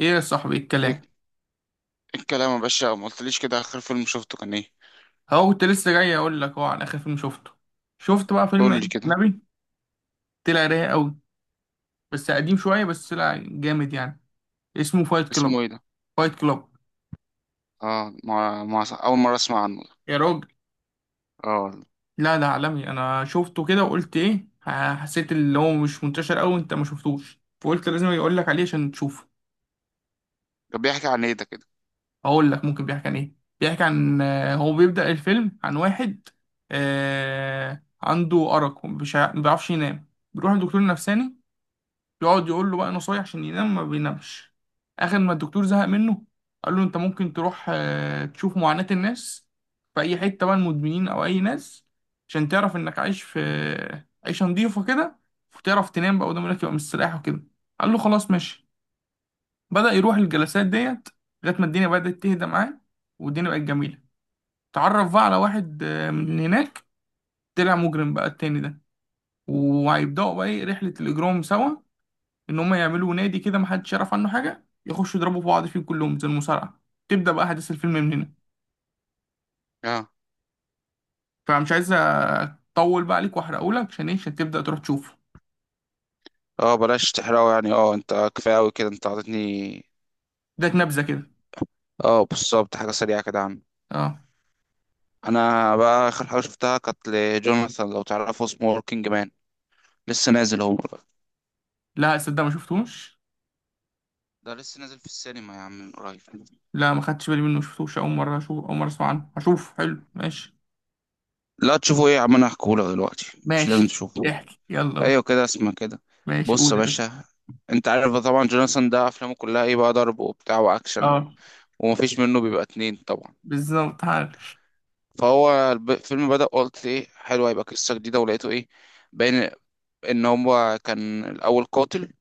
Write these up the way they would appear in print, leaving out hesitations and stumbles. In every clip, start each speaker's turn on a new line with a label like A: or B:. A: ايه يا صاحبي
B: ايه
A: الكلام؟
B: إيه الكلام يا باشا، ما قلتليش كده. اخر فيلم شفته كان ايه؟
A: هو كنت لسه جاي اقول لك، هو على اخر فيلم شفته. شفت بقى فيلم ايه؟
B: قول لي كده.
A: اجنبي. طلع رايق قوي. بس قديم شويه، بس طلع جامد يعني. اسمه فايت
B: اسمه
A: كلوب.
B: ايه ده؟
A: فايت كلوب.
B: اه، ما اول مره اسمع عنه ده.
A: يا راجل.
B: اه.
A: لا، ده عالمي، انا شفته كده وقلت ايه، حسيت اللي هو مش منتشر قوي، انت ما شفتوش، فقلت لازم اقول لك عليه عشان تشوفه.
B: ده بيحكي عن ايه ده كده؟
A: اقول لك ممكن بيحكي عن ايه، بيحكي عن هو بيبدأ الفيلم عن واحد عنده أرق، ومش ما بيعرفش ينام، بيروح لدكتور نفساني، يقعد يقول له بقى نصايح عشان ينام، ما بينامش. اخر ما الدكتور زهق منه، قال له انت ممكن تروح تشوف معاناة الناس في اي حتة بقى، المدمنين او اي ناس، عشان تعرف انك عايش في عيشة نضيفة كده، وتعرف تنام بقى، ودماغك يبقى مستريح وكده. قال له خلاص ماشي. بدأ يروح الجلسات ديت، لغاية ما الدنيا بدأت تهدى معاه، والدنيا بقت جميلة. تعرف بقى على واحد من هناك، طلع مجرم بقى التاني ده، وهيبدأوا بقى ايه، رحلة الإجرام سوا. ان هم يعملوا نادي كده محدش يعرف عنه حاجه، يخشوا يضربوا في بعض فيه كلهم زي المصارعه. تبدا بقى احداث الفيلم من هنا.
B: اه.
A: فمش عايز اطول بقى عليك واحرقهولك، عشان ايه؟ عشان تبدا تروح تشوفه.
B: اه، بلاش تحرقه يعني، اه انت كفايه قوي كده، انت عطيتني.
A: اداك نبذه كده.
B: اه، بالظبط، حاجه سريعه كده عنه.
A: اه.
B: انا بقى اخر حاجه شفتها كانت لجوناثان، لو تعرفه، اسمه وركينج مان. لسه نازل هو بقى.
A: لا، صدق ما شفتوش.
B: ده لسه نازل في السينما يا عم من قريب.
A: لا، ما خدتش بالي منه، ما شفتوش، اول مره اسمع عنه، هشوف، حلو، ماشي.
B: لا تشوفه ايه يا عم، انا هحكيهولك دلوقتي، مش لازم
A: ماشي،
B: تشوفه.
A: احكي، يلا قول.
B: ايوه كده، اسمها كده.
A: ماشي،
B: بص يا
A: قول يا باشا.
B: باشا، انت عارف بقى طبعا جوناثان ده افلامه كلها ايه بقى، ضرب وبتاع واكشن و...
A: اه،
B: ومفيش منه بيبقى اتنين طبعا.
A: بالظبط، عارف.
B: فهو الفيلم بدأ، قلت ايه حلو، هيبقى قصة جديدة، ولقيته ايه، باين ان هو كان الاول قاتل.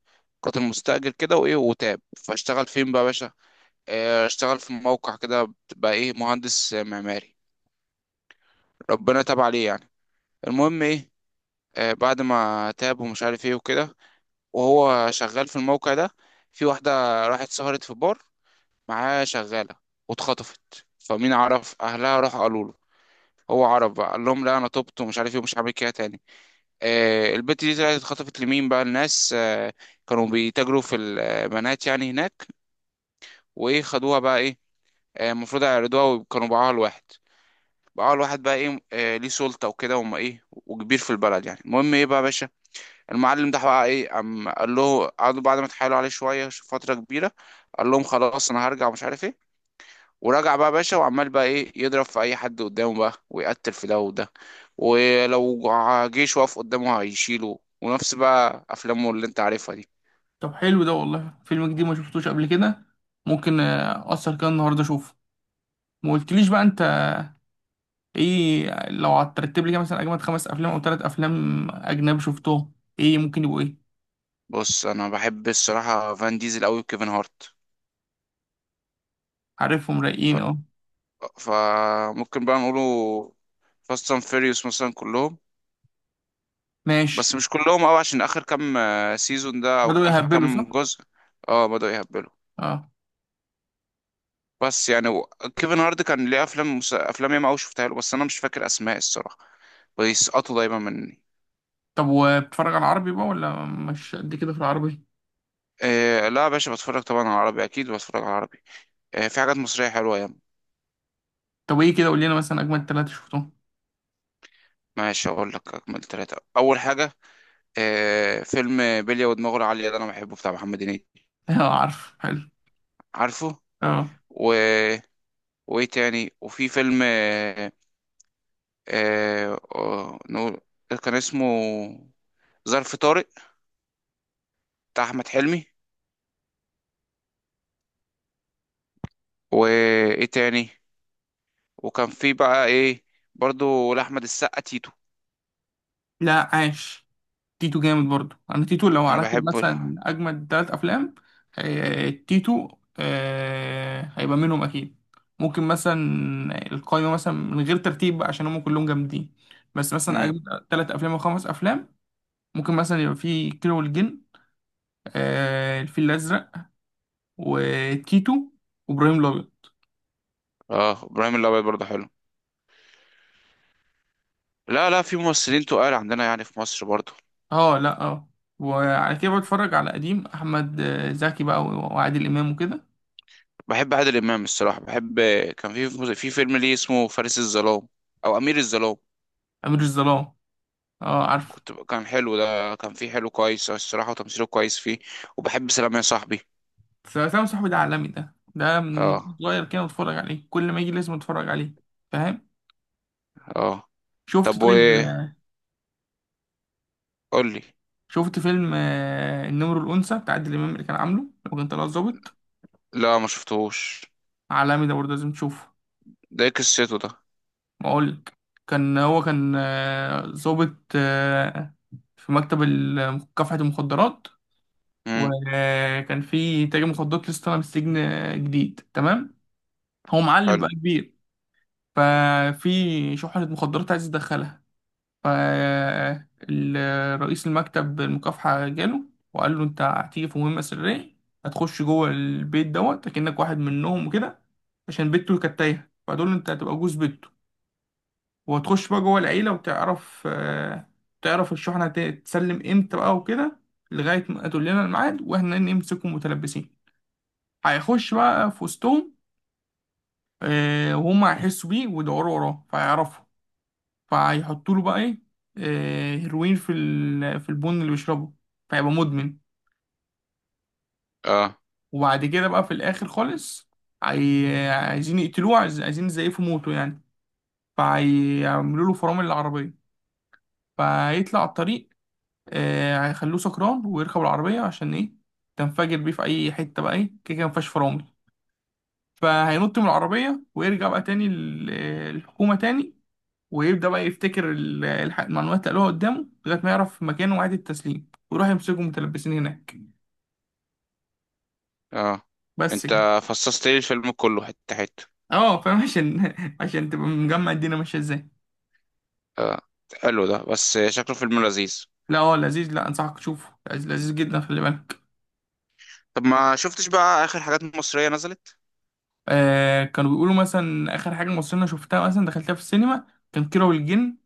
B: قاتل مستأجر كده، وايه، وتاب فاشتغل فين بقى يا باشا؟ اه، اشتغل في موقع كده بقى ايه، مهندس معماري. ربنا تاب عليه يعني. المهم ايه، اه، بعد ما تاب ومش عارف ايه وكده، وهو شغال في الموقع ده، في واحدة راحت سهرت في بار، معاه شغالة، واتخطفت، فمين عرف أهلها راحوا قالوا له. هو عرف بقى، قال لهم لا أنا تبت ومش عارف إيه ومش هعمل كده تاني. البت دي طلعت اتخطفت لمين بقى الناس؟ كانوا بيتاجروا في البنات يعني هناك. وإيه، خدوها بقى إيه، المفروض يعرضوها، وكانوا باعوها لواحد. باعوها لواحد بقى إيه، ليه سلطة وكده، وما إيه، وكبير في البلد يعني. المهم إيه بقى يا باشا، المعلم ده بقى ايه، قام قال له، قعدوا بعد ما اتحايلوا عليه شويه فتره كبيره. قال لهم خلاص انا هرجع ومش عارف ايه. ورجع بقى باشا، وعمال بقى ايه يضرب في اي حد قدامه بقى، ويقتل في ده وده. ولو جيش واقف قدامه هيشيله. ونفس بقى افلامه اللي انت عارفها دي.
A: طب حلو ده والله، فيلم جديد ما شفتوش قبل كده. ممكن اثر كده النهارده اشوفه. ما قلتليش بقى انت، ايه لو هترتب لي كده مثلا اجمد خمس افلام او ثلاث افلام اجنبي شفتهم، ايه ممكن يبقوا ايه؟
B: بص، انا بحب الصراحه فان ديزل قوي، وكيفن هارت.
A: عارفهم
B: ف...
A: رايقين، اه.
B: فممكن بقى نقوله فاست اند فيريوس مثلا، كلهم.
A: ماشي.
B: بس مش كلهم قوي، عشان اخر كام سيزون ده او
A: بدأوا
B: اخر
A: يهبلوا،
B: كام
A: صح؟
B: جزء. اه بدأوا يهبلوا.
A: اه.
B: بس يعني كيفن هارد كان ليه افلام افلام ياما قوي شفتها له، بس انا مش فاكر اسماء الصراحه، بيسقطوا دايما مني.
A: طب وبتتفرج على العربي بقى، ولا مش قد كده في العربي؟
B: إيه لا يا باشا، بتفرج طبعا على عربي، اكيد بتفرج على عربي. إيه في حاجات مصريه حلوه ياما.
A: طب ايه كده، قول لنا مثلا اجمد ثلاثة شفتهم.
B: ماشي اقول لك اكمل ثلاثه، اول حاجه إيه، فيلم بلية ودماغه العاليه ده، انا بحبه، بتاع محمد هنيدي.
A: اه، عارف، حلو.
B: عارفه.
A: اه.
B: و... وايه تاني، وفي فيلم إيه، إيه نقول كان اسمه ظرف طارق، بتاع احمد حلمي. وايه تاني، وكان في بقى ايه، برضو لأحمد السقا، تيتو.
A: لا، عاش. تيتو جامد برضو. انا تيتو لو
B: انا
A: هرتب
B: بحبه
A: مثلا
B: ده.
A: اجمد ثلاث افلام، تيتو هيبقى منهم اكيد. ممكن مثلا القائمه مثلا من غير ترتيب بقى، عشان هم كلهم جامدين، بس مثلا
B: امم.
A: اجمد ثلاث افلام او خمس افلام، ممكن مثلا يبقى في كيرة والجن، الفيل الازرق، وتيتو، وابراهيم الابيض.
B: اه ابراهيم الابيض برضو حلو. لا لا، في ممثلين تقال عندنا يعني في مصر برضو.
A: اه، لا، اه. وعلى كده بتفرج على قديم احمد زكي بقى، وعادل امام وكده.
B: بحب عادل امام الصراحه، بحب. كان في فيلم ليه اسمه فارس الظلام، او امير الظلام.
A: امير الظلام. اه عارف.
B: كان حلو ده، كان فيه حلو كويس الصراحه، وتمثيله كويس فيه. وبحب سلام يا صاحبي.
A: سلام صاحبي ده عالمي، ده من وأنا
B: اه.
A: صغير كده بتفرج عليه، كل ما يجي لازم اتفرج عليه. فاهم.
B: اه.
A: شفت،
B: طب
A: طيب
B: وايه، قول لي.
A: شفت فيلم النمر الأنثى بتاع عادل إمام، اللي كان عامله لو كان طلع ظابط.
B: لا ما شفتهوش.
A: عالمي ده برضه، لازم تشوفه.
B: ده إيه قصته ده؟
A: بقولك، كان هو كان ظابط في مكتب كافحة المخدرات.
B: امم.
A: وكان في تاجر مخدرات لسه طالع من السجن جديد تمام، هو معلم
B: حلو.
A: بقى كبير. ففي شحنة مخدرات عايز يدخلها، فرئيس المكتب المكافحة جاله، وقال له انت هتيجي في مهمة سرية، هتخش جوه البيت دوت كأنك واحد منهم وكده، عشان بنته كانت تايهة، فهتقول له انت هتبقى جوز بنته، وهتخش بقى جوه العيلة وتعرف تعرف الشحنة تسلم امتى بقى وكده، لغاية ما تقول لنا الميعاد واحنا نمسكهم متلبسين. هيخش بقى في وسطهم، وهم هيحسوا بيه ويدوروا وراه، فهيعرفوا، فيحطوا له بقى ايه، هيروين في البن اللي بيشربه، فيبقى مدمن.
B: اه.
A: وبعد كده بقى في الاخر خالص، عايزين يقتلوه، عايزين يزيفوا موته يعني. فهيعملوا له فرامل العربية، فهيطلع على الطريق، هيخلوه سكران ويركب العربية، عشان ايه؟ تنفجر بيه في اي حتة، بقى ايه كده كده مفيهاش فرامل. فهينط من العربية، ويرجع بقى تاني الحكومة تاني، ويبدأ بقى يفتكر المعلومات اللي قالوها قدامه، لغاية ما يعرف مكانه وعيد التسليم، ويروح يمسكهم متلبسين هناك.
B: اه،
A: بس
B: انت
A: كده.
B: فصصت لي الفيلم كله حتة حتة.
A: اه فاهم، عشان عشان تبقى مجمع الدنيا ماشية ازاي.
B: اه، حلو ده، بس شكله فيلم لذيذ.
A: لا هو لذيذ، لا انصحك تشوفه، لذيذ لذيذ جدا، خلي بالك.
B: طب ما شفتش بقى اخر حاجات مصرية نزلت؟
A: كانوا بيقولوا مثلا اخر حاجة مصرية أنا شفتها مثلا دخلتها في السينما، كان كيرة والجن.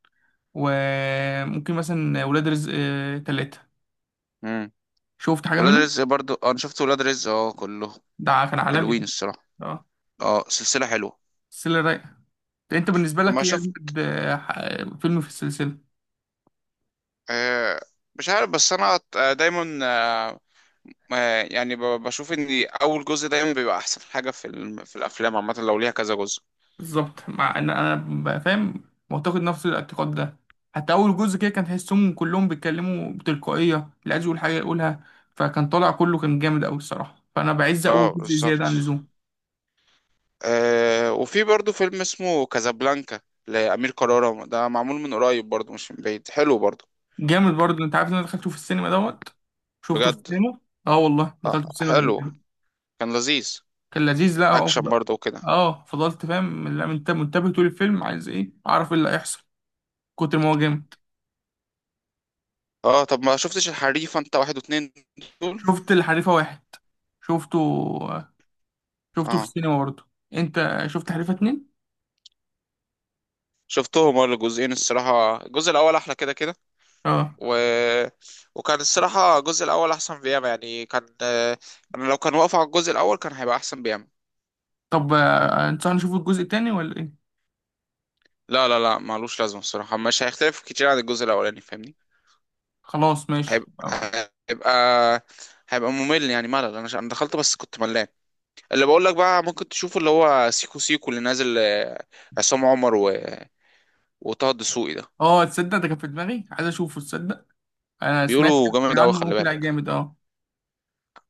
A: وممكن مثلا ولاد رزق تلاتة.
B: امم.
A: شفت حاجة
B: ولاد
A: منه؟
B: رزق برضو، اه، انا شفت ولاد رزق اه، كله.
A: ده كان عالمي
B: حلوين
A: ده.
B: الصراحة.
A: اه.
B: اه سلسلة حلوة.
A: السلسلة رايقة. انت بالنسبة لك
B: ما
A: ايه
B: شفت.
A: اجمد فيلم في السلسلة؟
B: آه. مش عارف، بس انا دايما يعني بشوف ان اول جزء دايما بيبقى احسن حاجة في الافلام عامة، لو ليها كذا جزء.
A: بالظبط، مع ان انا بقى فاهم، معتقد نفس الاعتقاد ده. حتى اول جزء كده كان تحسهم كلهم بيتكلموا بتلقائيه، اللي عايز يقول حاجه يقولها، فكان طالع كله كان جامد قوي الصراحه، فانا بعز اول
B: اه
A: جزء زياده عن
B: بالظبط.
A: اللزوم.
B: وفي برضو فيلم اسمه كازابلانكا، لأمير كرارة، ده معمول من قريب برضو، مش من بعيد، حلو برضو.
A: جامد برضه، انت عارف ان انا دخلته في السينما دوت. شفته في
B: بجد.
A: السينما. اه والله دخلته في
B: آه
A: السينما، كان
B: حلو،
A: جامد.
B: كان لذيذ،
A: كان لذيذ، لا هو
B: أكشن
A: بقى.
B: برضو وكده.
A: اه، فضلت فاهم، لا، منتبه طول الفيلم، عايز ايه، اعرف ايه اللي هيحصل، كتر ما هو جامد.
B: اه، طب ما شفتش الحريفة انت، واحد واتنين دول؟
A: شفت الحريفه واحد، شفته، شفته في
B: اه
A: السينما برضه. انت شفت حريفه اتنين؟
B: شفتهم، اه الجزئين الصراحة، الجزء الأول أحلى كده كده.
A: اه،
B: و... وكان الصراحة الجزء الأول أحسن بياما يعني، كان. أنا لو كان واقف على الجزء الأول كان هيبقى أحسن بياما.
A: طب انت هنشوف الجزء التاني ولا ايه؟
B: لا لا لا، معلوش لازمة الصراحة، مش هيختلف كتير عن الجزء الأولاني، فاهمني؟
A: خلاص ماشي،
B: هيبقى
A: اه.
B: هيبقى هيبقى ممل يعني، ملل. انا دخلت بس كنت ملان. اللي بقول لك بقى ممكن تشوفه اللي هو سيكو سيكو اللي نازل، عصام عمر و... وطه الدسوقي ده،
A: تصدق، ده كان في دماغي عايز اشوفه، تصدق، انا سمعت
B: بيقولوا جامد قوي
A: عنه، هو
B: خلي
A: طلع
B: بالك.
A: جامد اه.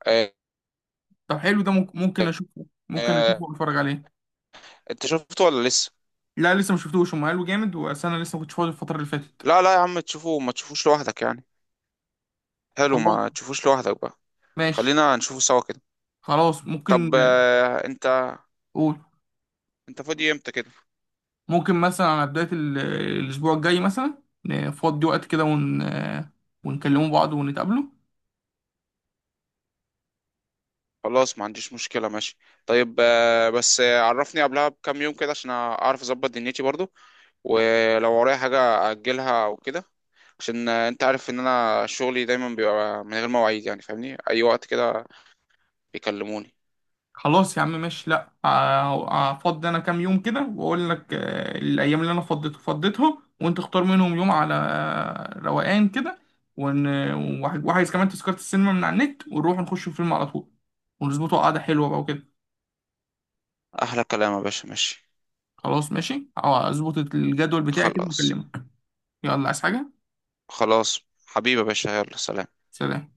B: آه،
A: طب حلو ده، ممكن اشوفه، ممكن
B: آه،
A: اشوفه واتفرج عليه.
B: انت شفته ولا لسه؟
A: لا لسه ما شفتوش، هم قالوا جامد، بس انا لسه ما كنتش فاضي الفتره اللي فاتت.
B: لا لا يا عم تشوفه، ما تشوفوش لوحدك يعني. حلو،
A: خلاص
B: ما تشوفوش لوحدك بقى.
A: ماشي.
B: خلينا نشوفه سوا كده.
A: خلاص،
B: طب
A: ممكن
B: انت
A: قول.
B: انت فاضي امتى كده؟
A: ممكن مثلا على بدايه الاسبوع الجاي مثلا، نفضي وقت كده ون آه، ونكلموا بعض ونتقابلوا.
B: خلاص ما عنديش مشكلة، ماشي. طيب بس عرفني قبلها بكام يوم كده، عشان اعرف اظبط دنيتي برضو، ولو ورايا حاجة أجلها أو كده. عشان أنت عارف إن أنا شغلي دايما بيبقى من غير مواعيد يعني، فاهمني، أي وقت كده بيكلموني.
A: خلاص يا عم ماشي، لا هفضي انا كام يوم كده، واقول لك الايام اللي انا فضيت فضيتها، وانت اختار منهم يوم على روقان كده، ون... وعايز كمان تذكرة السينما من على النت، ونروح نخش فيلم على طول، ونظبطه قعدة حلوة بقى وكده.
B: أحلى كلام يا باشا، ماشي.
A: خلاص ماشي، اه اظبط الجدول بتاعي كده
B: خلاص.
A: واكلمك. يلا، عايز حاجة؟
B: خلاص. حبيبي يا باشا، يلا سلام.
A: سلام.